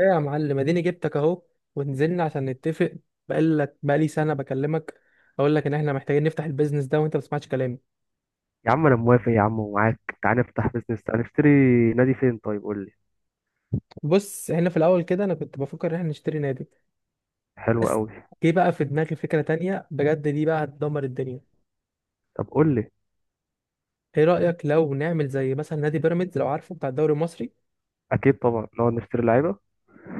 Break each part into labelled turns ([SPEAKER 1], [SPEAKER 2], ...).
[SPEAKER 1] ايه يا معلم، اديني جبتك اهو. ونزلنا عشان نتفق. بقالي سنه بكلمك، اقول لك ان احنا محتاجين نفتح البيزنس ده وانت ما بتسمعش كلامي.
[SPEAKER 2] يا عم، انا موافق يا عم ومعاك. تعال نفتح بيزنس، تعال نشتري. نادي فين؟ طيب قول لي.
[SPEAKER 1] بص، احنا في الاول كده انا كنت بفكر ان احنا نشتري نادي،
[SPEAKER 2] حلو
[SPEAKER 1] بس
[SPEAKER 2] قوي.
[SPEAKER 1] جه بقى في دماغي فكره تانية بجد، دي بقى هتدمر الدنيا.
[SPEAKER 2] طب قول لي.
[SPEAKER 1] ايه رايك لو نعمل زي مثلا نادي بيراميدز، لو عارفه بتاع الدوري المصري؟
[SPEAKER 2] اكيد طبعا، نقعد نشتري لعيبه.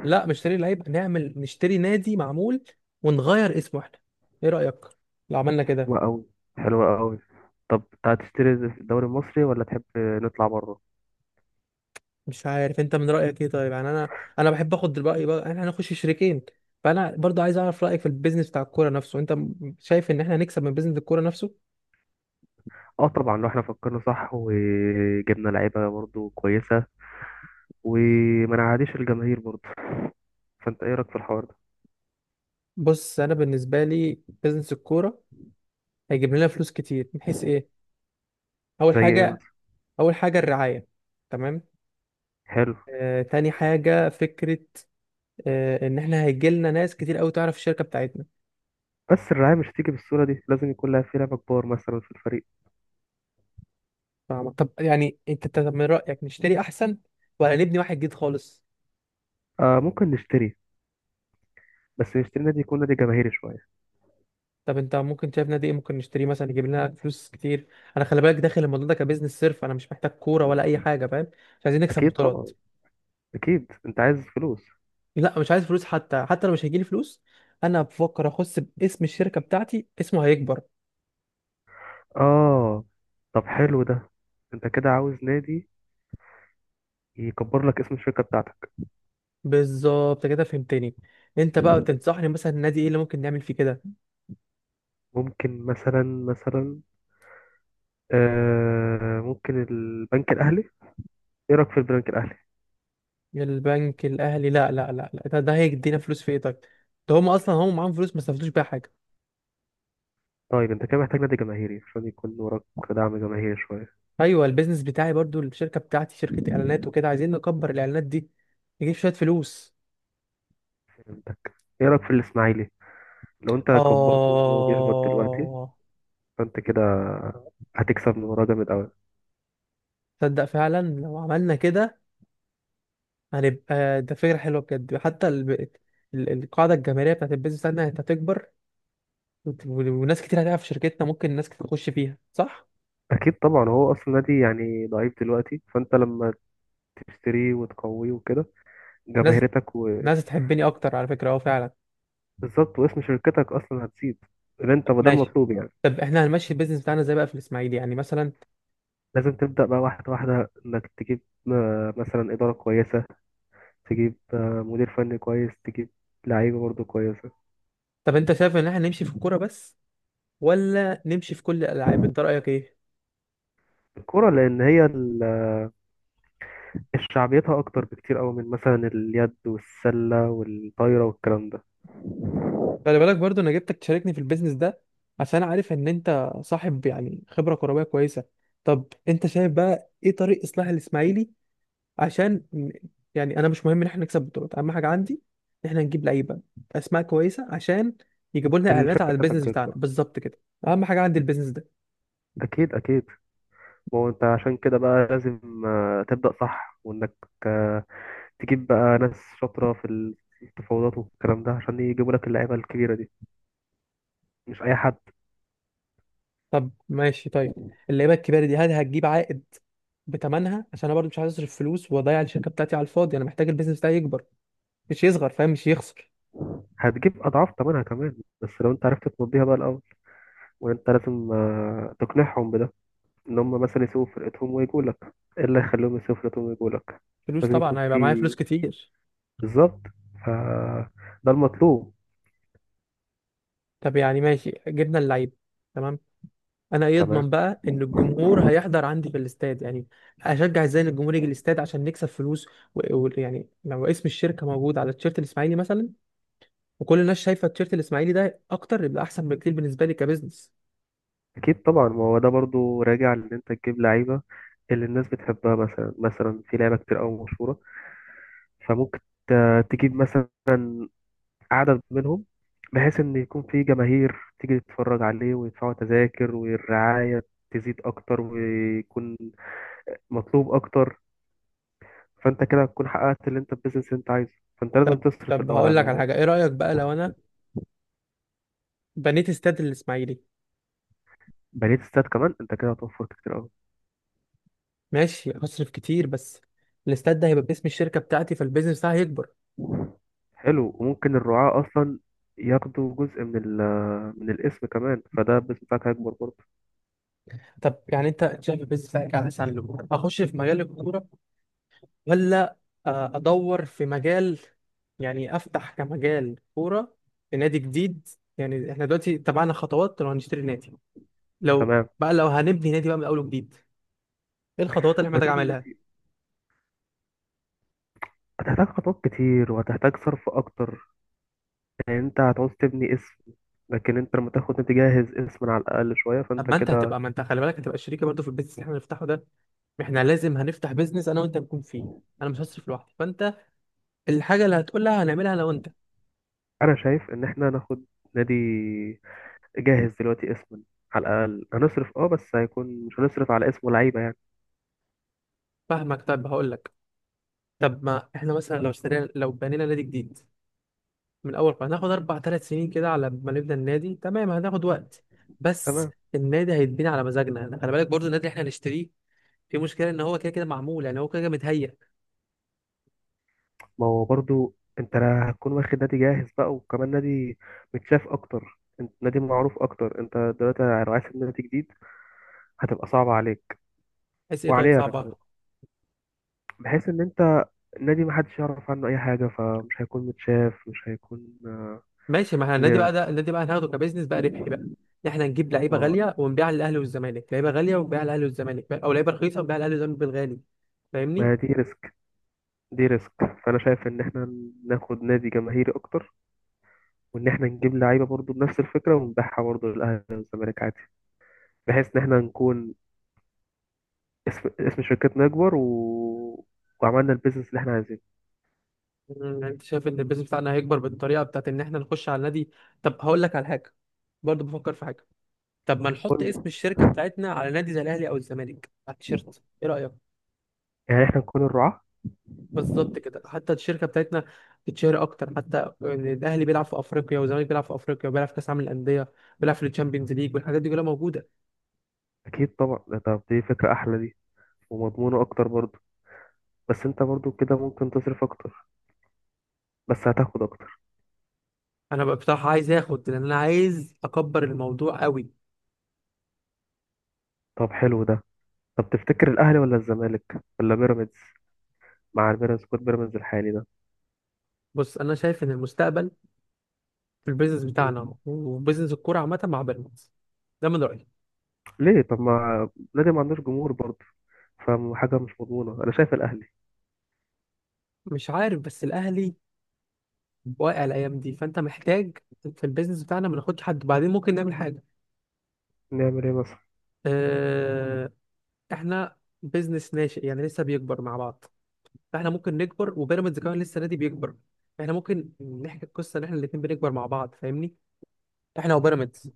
[SPEAKER 1] لا، مش نشتري لعيب، نعمل نشتري نادي معمول ونغير اسمه احنا. ايه رايك لو عملنا كده؟
[SPEAKER 2] حلوه قوي. حلوه قوي. طب تعال تشتري في الدوري المصري ولا تحب نطلع بره؟
[SPEAKER 1] مش عارف انت من رايك ايه، طيب يعني انا بحب اخد الراي. بقى احنا هنخش شريكين، فانا برضو عايز اعرف رايك في البيزنس بتاع الكوره نفسه. انت شايف ان احنا هنكسب من بيزنس الكوره نفسه؟
[SPEAKER 2] اه طبعا، لو احنا فكرنا صح وجبنا لعيبه برضو كويسه، وما نعاديش الجماهير برضو. فانت ايه رايك في الحوار ده؟
[SPEAKER 1] بص، انا بالنسبه لي بيزنس الكوره هيجيب لنا فلوس كتير، من حيث ايه؟ اول
[SPEAKER 2] زي ايه
[SPEAKER 1] حاجه،
[SPEAKER 2] مثلا؟
[SPEAKER 1] اول حاجه الرعايه. تمام.
[SPEAKER 2] حلو.
[SPEAKER 1] تاني حاجة فكرة، إن إحنا هيجي لنا ناس كتير أوي تعرف الشركة بتاعتنا.
[SPEAKER 2] بس الرعايه مش تيجي بالصوره دي، لازم يكون لها في لعبه كبار مثلا في الفريق.
[SPEAKER 1] فاهمك. طب يعني أنت من رأيك نشتري أحسن ولا نبني واحد جديد خالص؟
[SPEAKER 2] آه، ممكن نشتري. بس نشتري نادي يكون نادي جماهيري شويه.
[SPEAKER 1] طب انت ممكن شايف نادي ايه ممكن نشتريه مثلا يجيب لنا فلوس كتير؟ انا خلي بالك، داخل الموضوع ده كبزنس صرف، انا مش محتاج كوره ولا اي حاجه فاهم. مش عايزين نكسب
[SPEAKER 2] اكيد طبعا.
[SPEAKER 1] بطولات.
[SPEAKER 2] اكيد انت عايز فلوس.
[SPEAKER 1] لا، مش عايز فلوس، حتى لو مش هيجيلي فلوس، انا بفكر اخص باسم الشركه بتاعتي، اسمه هيكبر.
[SPEAKER 2] اه. طب حلو ده. انت كده عاوز نادي يكبر لك اسم الشركة بتاعتك.
[SPEAKER 1] بالظبط كده، فهمتني. انت بقى تنصحني مثلا النادي ايه اللي ممكن نعمل فيه كده؟
[SPEAKER 2] ممكن مثلا. آه، ممكن البنك الاهلي. ايه رايك في البنك الاهلي؟
[SPEAKER 1] البنك الاهلي؟ لا لا لا لا، ده، ده هيدينا فلوس في ايه طيب؟ ده هم اصلا هم معاهم فلوس ما استفادوش بيها حاجه.
[SPEAKER 2] طيب انت كده محتاج نادي جماهيري عشان يكون وراك دعم جماهيري شويه.
[SPEAKER 1] ايوه، البيزنس بتاعي برضو، الشركه بتاعتي شركه اعلانات وكده، عايزين نكبر الاعلانات دي، نجيب شويه فلوس.
[SPEAKER 2] عندك. ايه رايك في الاسماعيلي؟ لو انت كبرته ان هو بيهبط دلوقتي،
[SPEAKER 1] آه
[SPEAKER 2] فانت كده هتكسب من وراه جامد قوي.
[SPEAKER 1] تصدق فعلا لو عملنا كده هنبقى، ده فكرة حلوة بجد. حتى القاعدة الجماهيرية بتاعت البيزنس بتاعتنا هتكبر، وناس كتير هتقع في شركتنا، ممكن ناس كتير تخش فيها، صح؟
[SPEAKER 2] اكيد طبعا. هو اصلا نادي يعني ضعيف دلوقتي، فانت لما تشتريه وتقويه وكده،
[SPEAKER 1] ناس
[SPEAKER 2] جماهيرتك.
[SPEAKER 1] ناس تحبني أكتر، على فكرة أه فعلا.
[SPEAKER 2] بالظبط، واسم شركتك اصلا هتزيد. اللي انت
[SPEAKER 1] طب
[SPEAKER 2] ما ده
[SPEAKER 1] ماشي،
[SPEAKER 2] المطلوب يعني.
[SPEAKER 1] طب إحنا هنمشي البيزنس بتاعنا إزاي بقى في الإسماعيلي يعني مثلا؟
[SPEAKER 2] لازم تبدا بقى واحده واحده، انك تجيب مثلا اداره كويسه، تجيب مدير فني كويس، تجيب لعيبه برضه كويسه.
[SPEAKER 1] طب أنت شايف إن إحنا نمشي في الكورة بس ولا نمشي في كل الألعاب؟ أنت رأيك إيه؟
[SPEAKER 2] الكوره، لان هي شعبيتها اكتر بكتير قوي من مثلا اليد والسله والطايره والكلام ده.
[SPEAKER 1] خلي بالك برضو انا جبتك تشاركني في البيزنس ده عشان عارف ان انت صاحب يعني خبره كرويه كويسه. طب انت شايف بقى ايه طريق اصلاح الاسماعيلي عشان يعني انا مش مهم ان احنا نكسب بطولات، اهم حاجه عندي ان احنا نجيب لعيبه، اسماء كويسه، عشان يجيبوا لنا اعلانات على
[SPEAKER 2] الشركه بتاعتك
[SPEAKER 1] البيزنس بتاعنا،
[SPEAKER 2] تكبر.
[SPEAKER 1] بالظبط كده. اهم حاجه عندي البيزنس ده.
[SPEAKER 2] اكيد اكيد. ما هو انت عشان كده بقى لازم تبدا صح، وانك آه، تجيب بقى ناس شاطره في التفاوضات والكلام ده، عشان يجيبوا لك اللعيبه الكبيره دي، مش اي حد.
[SPEAKER 1] طب ماشي طيب، اللعيبه الكبيره دي هل هتجيب عائد بتمنها؟ عشان انا برضو مش عايز اصرف فلوس واضيع الشركه بتاعتي على الفاضي، انا محتاج البيزنس بتاعي يكبر مش يصغر، فاهم، مش يخسر.
[SPEAKER 2] هتجيب أضعاف تمنها كمان، بس لو أنت عرفت تمضيها بقى الأول. وأنت لازم تقنعهم بده، إن هم مثلا يسيبوا فرقتهم ويجوا لك. إيه اللي يخليهم يسيبوا فرقتهم ويجوا لك؟
[SPEAKER 1] فلوس
[SPEAKER 2] لازم يكون
[SPEAKER 1] طبعا، هيبقى معايا
[SPEAKER 2] في.
[SPEAKER 1] فلوس كتير.
[SPEAKER 2] بالظبط. ف ده المطلوب.
[SPEAKER 1] طب يعني ماشي، جبنا اللعيب، تمام. انا ايه
[SPEAKER 2] تمام.
[SPEAKER 1] اضمن بقى ان الجمهور هيحضر عندي في الاستاد يعني؟ اشجع ازاي ان الجمهور يجي الاستاد عشان نكسب فلوس؟ ويعني لو اسم الشركه موجود على التيشيرت الاسماعيلي مثلا، وكل الناس شايفه التيشيرت الاسماعيلي ده اكتر، يبقى احسن بكتير بالنسبه لي كبزنس.
[SPEAKER 2] أكيد طبعا. ما هو ده برضو راجع لإن أنت تجيب لعيبة اللي الناس بتحبها، مثلا في لعيبة كتير أوي مشهورة. فممكن تجيب مثلا عدد منهم، بحيث ان يكون في جماهير تيجي تتفرج عليه ويدفعوا تذاكر، والرعاية تزيد اكتر، ويكون مطلوب اكتر. فانت كده هتكون حققت اللي انت البيزنس اللي انت عايزه. فانت لازم
[SPEAKER 1] طب
[SPEAKER 2] تصرف
[SPEAKER 1] طب
[SPEAKER 2] الاول على
[SPEAKER 1] هقول لك على
[SPEAKER 2] اللعيبه دي.
[SPEAKER 1] حاجه، ايه رايك بقى لو انا بنيت استاد الاسماعيلي؟
[SPEAKER 2] بنيت استاد كمان؟ انت كده هتوفر كتير قوي.
[SPEAKER 1] ماشي هصرف كتير، بس الاستاد ده هيبقى باسم الشركه بتاعتي، فالبيزنس بتاعي هيكبر.
[SPEAKER 2] حلو. وممكن الرعاة اصلا ياخدوا جزء من الاسم كمان، فده البيزنس بتاعك هيكبر برضه.
[SPEAKER 1] طب يعني انت شايف البيزنس بتاعك على سلم هخش في مجال الكوره، ولا ادور في مجال، يعني افتح كمجال كوره في نادي جديد؟ يعني احنا دلوقتي تبعنا خطوات لو هنشتري نادي، لو
[SPEAKER 2] تمام.
[SPEAKER 1] بقى لو هنبني نادي بقى من اول وجديد، ايه الخطوات اللي احنا محتاج اعملها؟
[SPEAKER 2] هتحتاج هتحتاج خطوات كتير، وهتحتاج صرف اكتر. يعني انت هتعوز تبني اسم. لكن انت لما تاخد نادي جاهز، اسم على الاقل شويه،
[SPEAKER 1] طب
[SPEAKER 2] فانت
[SPEAKER 1] ما انت
[SPEAKER 2] كده.
[SPEAKER 1] هتبقى، ما انت خلي بالك هتبقى شريكه برضه في البيزنس اللي احنا هنفتحه ده، احنا لازم هنفتح بيزنس انا وانت نكون فيه، انا مش هصرف لوحدي، فانت الحاجه اللي هتقولها هنعملها انا وانت.
[SPEAKER 2] انا شايف ان احنا ناخد نادي جاهز دلوقتي، اسما على الاقل. هنصرف بس هيكون، مش هنصرف على اسمه لعيبه يعني.
[SPEAKER 1] فاهمك، طب هقول لك. طب ما احنا مثلا لو اشترينا، لو بنينا نادي جديد من اول قرار، هناخد اربع ثلاث سنين كده على ما نبدا النادي، تمام هناخد وقت، بس
[SPEAKER 2] تمام.
[SPEAKER 1] النادي هيتبني على مزاجنا. خلي بالك برضو النادي اللي احنا هنشتريه في مشكله ان هو كده كده معمول، يعني هو كده كده متهيأ.
[SPEAKER 2] ما هو برضو انت لا هتكون واخد نادي جاهز بقى، وكمان نادي متشاف اكتر، انت نادي معروف اكتر. انت دلوقتي لو عايز تبني نادي جديد، هتبقى صعبه عليك
[SPEAKER 1] عايز ايه طيب
[SPEAKER 2] وعليا انا
[SPEAKER 1] صعبه؟
[SPEAKER 2] كمان، بحيث ان انت النادي محدش يعرف عنه اي حاجه، فمش هيكون متشاف، مش هيكون.
[SPEAKER 1] ماشي، ما احنا النادي بقى ده، النادي بقى هناخده كبزنس بقى ربحي
[SPEAKER 2] آه،
[SPEAKER 1] بقى. احنا نجيب لعيبه
[SPEAKER 2] ما
[SPEAKER 1] غاليه ونبيعها للاهلي والزمالك، لعيبه غاليه ونبيعها للاهلي والزمالك، او لعيبه رخيصه ونبيعها للاهلي والزمالك بالغالي، فاهمني؟
[SPEAKER 2] ما دي ريسك. دي ريسك. فانا شايف ان احنا ناخد نادي جماهيري اكتر، وان احنا نجيب لعيبه برضو بنفس الفكره ونبيعها برضو للاهلي والزمالك عادي، بحيث ان احنا نكون اسم شركتنا يكبر وعملنا البيزنس اللي احنا عايزينه.
[SPEAKER 1] يعني انت شايف ان البيزنس بتاعنا هيكبر بالطريقه بتاعت ان احنا نخش على النادي. طب هقول لك على حاجه، برضو بفكر في حاجه. طب ما نحط اسم
[SPEAKER 2] قلنا
[SPEAKER 1] الشركه بتاعتنا على نادي زي الاهلي او الزمالك على التيشيرت، ايه رايك؟
[SPEAKER 2] يعني احنا نكون الرعاة.
[SPEAKER 1] بالظبط كده، حتى الشركه بتاعتنا تتشهر اكتر، حتى إن الاهلي بيلعب في افريقيا والزمالك بيلعب في افريقيا وبيلعب في كاس عالم الانديه وبيلعب في الشامبيونز ليج، والحاجات دي كلها موجوده.
[SPEAKER 2] اكيد طبعا ده. طب دي فكره احلى دي، ومضمونه اكتر برضو. بس انت برضو كده ممكن تصرف اكتر، بس هتاخد اكتر.
[SPEAKER 1] انا بقى بصراحه عايز اخد، لان انا عايز اكبر الموضوع قوي.
[SPEAKER 2] طب حلو ده. طب تفتكر الاهلي ولا الزمالك ولا بيراميدز؟ مع البيراميدز، كود بيراميدز الحالي ده.
[SPEAKER 1] بص انا شايف ان المستقبل في البيزنس بتاعنا وبيزنس الكوره عامه مع بيراميدز، ده من رايي.
[SPEAKER 2] ليه؟ طب ما نادي ما عندوش جمهور برضه، فحاجة مش مضمونة. أنا شايف الأهلي.
[SPEAKER 1] مش عارف، بس الاهلي واقع الايام دي، فانت محتاج في البيزنس بتاعنا ما ناخدش حد، بعدين ممكن نعمل حاجه.
[SPEAKER 2] نعمل إيه مثلا؟
[SPEAKER 1] آه، احنا بيزنس ناشئ يعني لسه بيكبر مع بعض، فاحنا ممكن نكبر، وبيراميدز كمان لسه نادي بيكبر، احنا ممكن نحكي القصه ان احنا الاثنين بنكبر مع بعض، فاهمني، احنا وبيراميدز.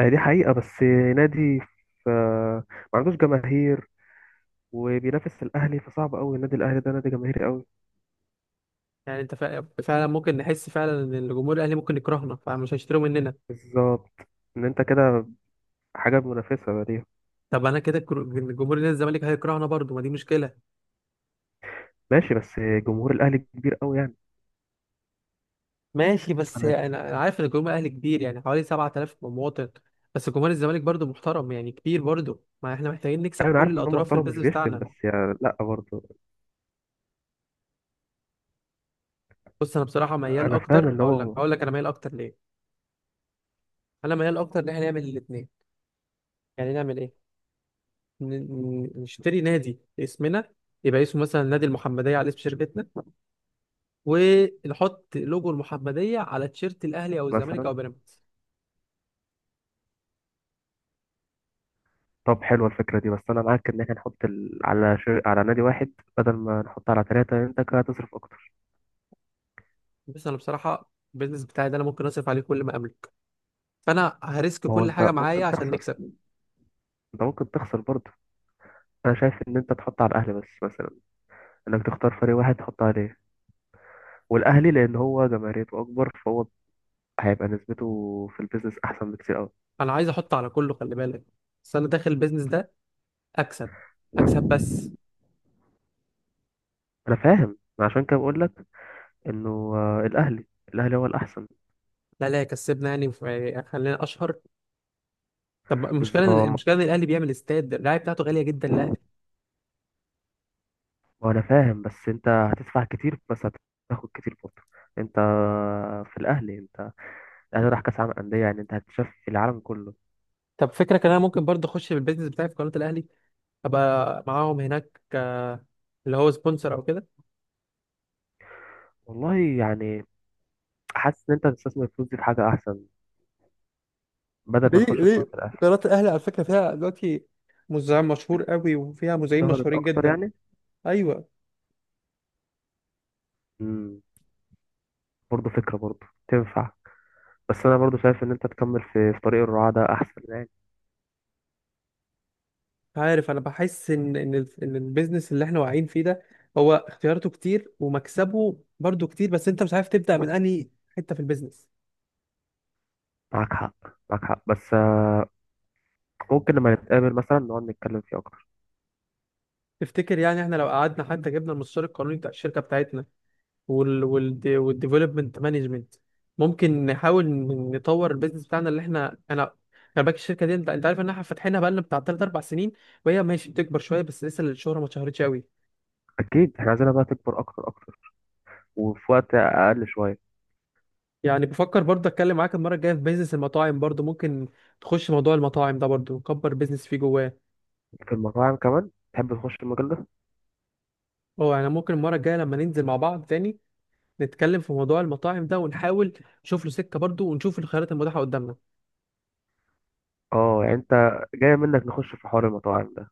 [SPEAKER 2] آه، دي حقيقة. بس نادي ما عندوش جماهير، وبينافس الأهلي، فصعب أوي. النادي الأهلي ده نادي جماهيري أوي.
[SPEAKER 1] يعني انت فعلا ممكن نحس فعلا ان الجمهور الاهلي ممكن يكرهنا فمش هيشتروا مننا.
[SPEAKER 2] بالظبط. إن أنت كده حاجة منافسة دي.
[SPEAKER 1] طب انا كده الجمهور نادي الزمالك هيكرهنا برضو، ما دي مشكله.
[SPEAKER 2] ماشي بس جمهور الأهلي كبير أوي يعني.
[SPEAKER 1] ماشي، بس
[SPEAKER 2] أنا
[SPEAKER 1] أنا عارف ان الجمهور الاهلي كبير يعني حوالي 7,000 مواطن، بس جمهور الزمالك برضو محترم يعني كبير برضو، ما احنا محتاجين نكسب
[SPEAKER 2] أيوة، أنا
[SPEAKER 1] كل
[SPEAKER 2] عارف إن هو
[SPEAKER 1] الاطراف في
[SPEAKER 2] محترم، مش
[SPEAKER 1] البيزنس
[SPEAKER 2] بيشتم،
[SPEAKER 1] بتاعنا.
[SPEAKER 2] بس يعني لأ برضه.
[SPEAKER 1] بص انا بصراحه ميال
[SPEAKER 2] أنا فاهم
[SPEAKER 1] اكتر،
[SPEAKER 2] إن
[SPEAKER 1] هقول لك
[SPEAKER 2] هو.
[SPEAKER 1] هقول لك انا ميال اكتر ليه. انا ميال اكتر ان احنا نعمل الاثنين، يعني نعمل ايه، ن- نشتري نادي اسمنا، يبقى اسمه مثلا نادي المحمديه على اسم شركتنا، ونحط لوجو المحمديه على تيشيرت الاهلي او الزمالك
[SPEAKER 2] مثلا.
[SPEAKER 1] او بيراميدز.
[SPEAKER 2] طب حلوة الفكرة دي. بس أنا معاك إن إحنا نحط على نادي واحد، بدل ما نحط على ثلاثة. أنت كده هتصرف أكتر.
[SPEAKER 1] بس انا بصراحه البيزنس بتاعي ده انا ممكن اصرف عليه كل ما املك، فانا هريسك
[SPEAKER 2] ما هو
[SPEAKER 1] كل حاجه
[SPEAKER 2] أنت
[SPEAKER 1] معايا
[SPEAKER 2] ممكن
[SPEAKER 1] عشان
[SPEAKER 2] تخسر.
[SPEAKER 1] نكسب.
[SPEAKER 2] أنت ممكن تخسر برضه. أنا شايف إن أنت تحط على الأهلي بس مثلا، إنك تختار فريق واحد تحط عليه. والأهلي لأن هو جماهيريته أكبر، فهو هيبقى نسبته في البيزنس أحسن بكتير أوي.
[SPEAKER 1] انا عايز احط على كله خلي بالك، بس انا داخل البيزنس ده اكسب، اكسب بس.
[SPEAKER 2] أنا فاهم. ما عشان كده بقول لك إنه آه، الأهلي الأهلي هو الأحسن.
[SPEAKER 1] لا لا، كسبنا يعني، خلينا اشهر. طب المشكله
[SPEAKER 2] بالظبط.
[SPEAKER 1] المشكله ان الاهلي بيعمل استاد، الرعايه بتاعته غاليه جدا الاهلي.
[SPEAKER 2] وأنا فاهم، بس أنت هتدفع كتير، بس هتاخد كتير برضه أنت في الأهلي. الاهلي راح كاس عالم انديه، يعني انت هتشوف في العالم كله.
[SPEAKER 1] طب فكرة كان، انا ممكن برضه اخش بالبيزنس بتاعي في قناه الاهلي، ابقى معاهم هناك، اللي هو سبونسر او كده.
[SPEAKER 2] والله يعني حاسس ان انت تستثمر الفلوس دي في حاجه احسن، بدل ما
[SPEAKER 1] ليه
[SPEAKER 2] تخش في قناه
[SPEAKER 1] ليه؟
[SPEAKER 2] الاهلي.
[SPEAKER 1] قناة الأهلي على فكرة فيها دلوقتي مذيع مشهور قوي وفيها مذيعين
[SPEAKER 2] شهرت
[SPEAKER 1] مشهورين
[SPEAKER 2] اكتر
[SPEAKER 1] جدا.
[SPEAKER 2] يعني.
[SPEAKER 1] ايوه.
[SPEAKER 2] امم برضه فكره برضه تنفع. بس انا برضه شايف ان انت تكمل في في طريق الرعاة ده احسن يعني.
[SPEAKER 1] عارف انا بحس ان ان إن البيزنس اللي احنا واقعين فيه ده هو اختياراته كتير ومكسبه برضه كتير، بس انت مش عارف تبدا من انهي حته في البيزنس.
[SPEAKER 2] معاك حق. معاك حق، بس ممكن لما نتقابل مثلا نقعد نتكلم فيه اكتر.
[SPEAKER 1] تفتكر يعني احنا لو قعدنا حتى جبنا المستشار القانوني بتاع الشركه بتاعتنا والديفلوبمنت مانجمنت ممكن نحاول نطور البيزنس بتاعنا اللي احنا انا، خلي بالك الشركه دي انت عارف ان احنا فاتحينها بقالنا بتاع 3 4 سنين، وهي ماشي بتكبر شويه، بس لسه الشهره ما اتشهرتش قوي.
[SPEAKER 2] اكيد احنا عايزينها بقى تكبر اكتر اكتر، وفي وقت اقل شويه.
[SPEAKER 1] يعني بفكر برضه اتكلم معاك المره الجايه في بيزنس المطاعم، برضه ممكن تخش موضوع المطاعم ده، برضه نكبر بيزنس فيه جواه.
[SPEAKER 2] في المطاعم كمان تحب تخش المجال ده؟
[SPEAKER 1] اه يعني ممكن المره الجايه لما ننزل مع بعض تاني نتكلم في موضوع المطاعم ده، ونحاول نشوف له سكه برضه، ونشوف الخيارات المتاحه قدامنا.
[SPEAKER 2] اه يعني انت جاية منك نخش في حوار المطاعم ده.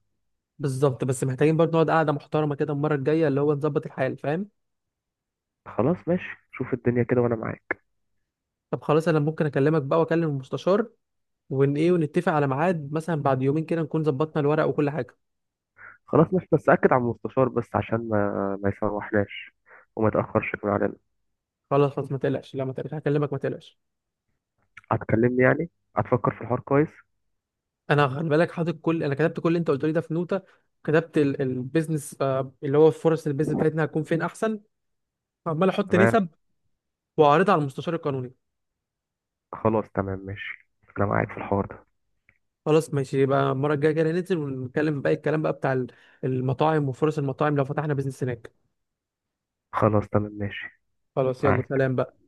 [SPEAKER 1] بالظبط، بس محتاجين برضه نقعد قعده محترمه كده المره الجايه، اللي هو نظبط الحال، فاهم.
[SPEAKER 2] خلاص ماشي. شوف الدنيا كده وانا معاك.
[SPEAKER 1] طب خلاص، انا ممكن اكلمك بقى واكلم المستشار ون ايه ونتفق على ميعاد مثلا بعد يومين كده نكون ظبطنا الورق وكل حاجه.
[SPEAKER 2] خلاص ماشي، بس أكد على المستشار بس، عشان ما ما يسوحناش وما يتأخرش كمان علينا.
[SPEAKER 1] خلاص خلاص، ما تقلقش، لا ما تقلقش هكلمك ما تقلقش.
[SPEAKER 2] هتكلمني يعني؟ هتفكر في الحوار كويس؟
[SPEAKER 1] انا خلي بالك حاطط كل، انا كتبت كل اللي انت قلت لي ده في نوته، كتبت البيزنس اللي هو فرص البيزنس بتاعتنا هتكون فين احسن، عمال احط
[SPEAKER 2] تمام.
[SPEAKER 1] نسب واعرضها على المستشار القانوني.
[SPEAKER 2] خلاص تمام ماشي. أنا معاك في الحوار ده.
[SPEAKER 1] خلاص ماشي، يبقى المره الجايه كده ننزل ونتكلم باقي الكلام بقى بتاع المطاعم وفرص المطاعم لو فتحنا بيزنس هناك.
[SPEAKER 2] خلاص تمام ماشي.
[SPEAKER 1] خلاص، يلا
[SPEAKER 2] معاك.
[SPEAKER 1] سلام بقى.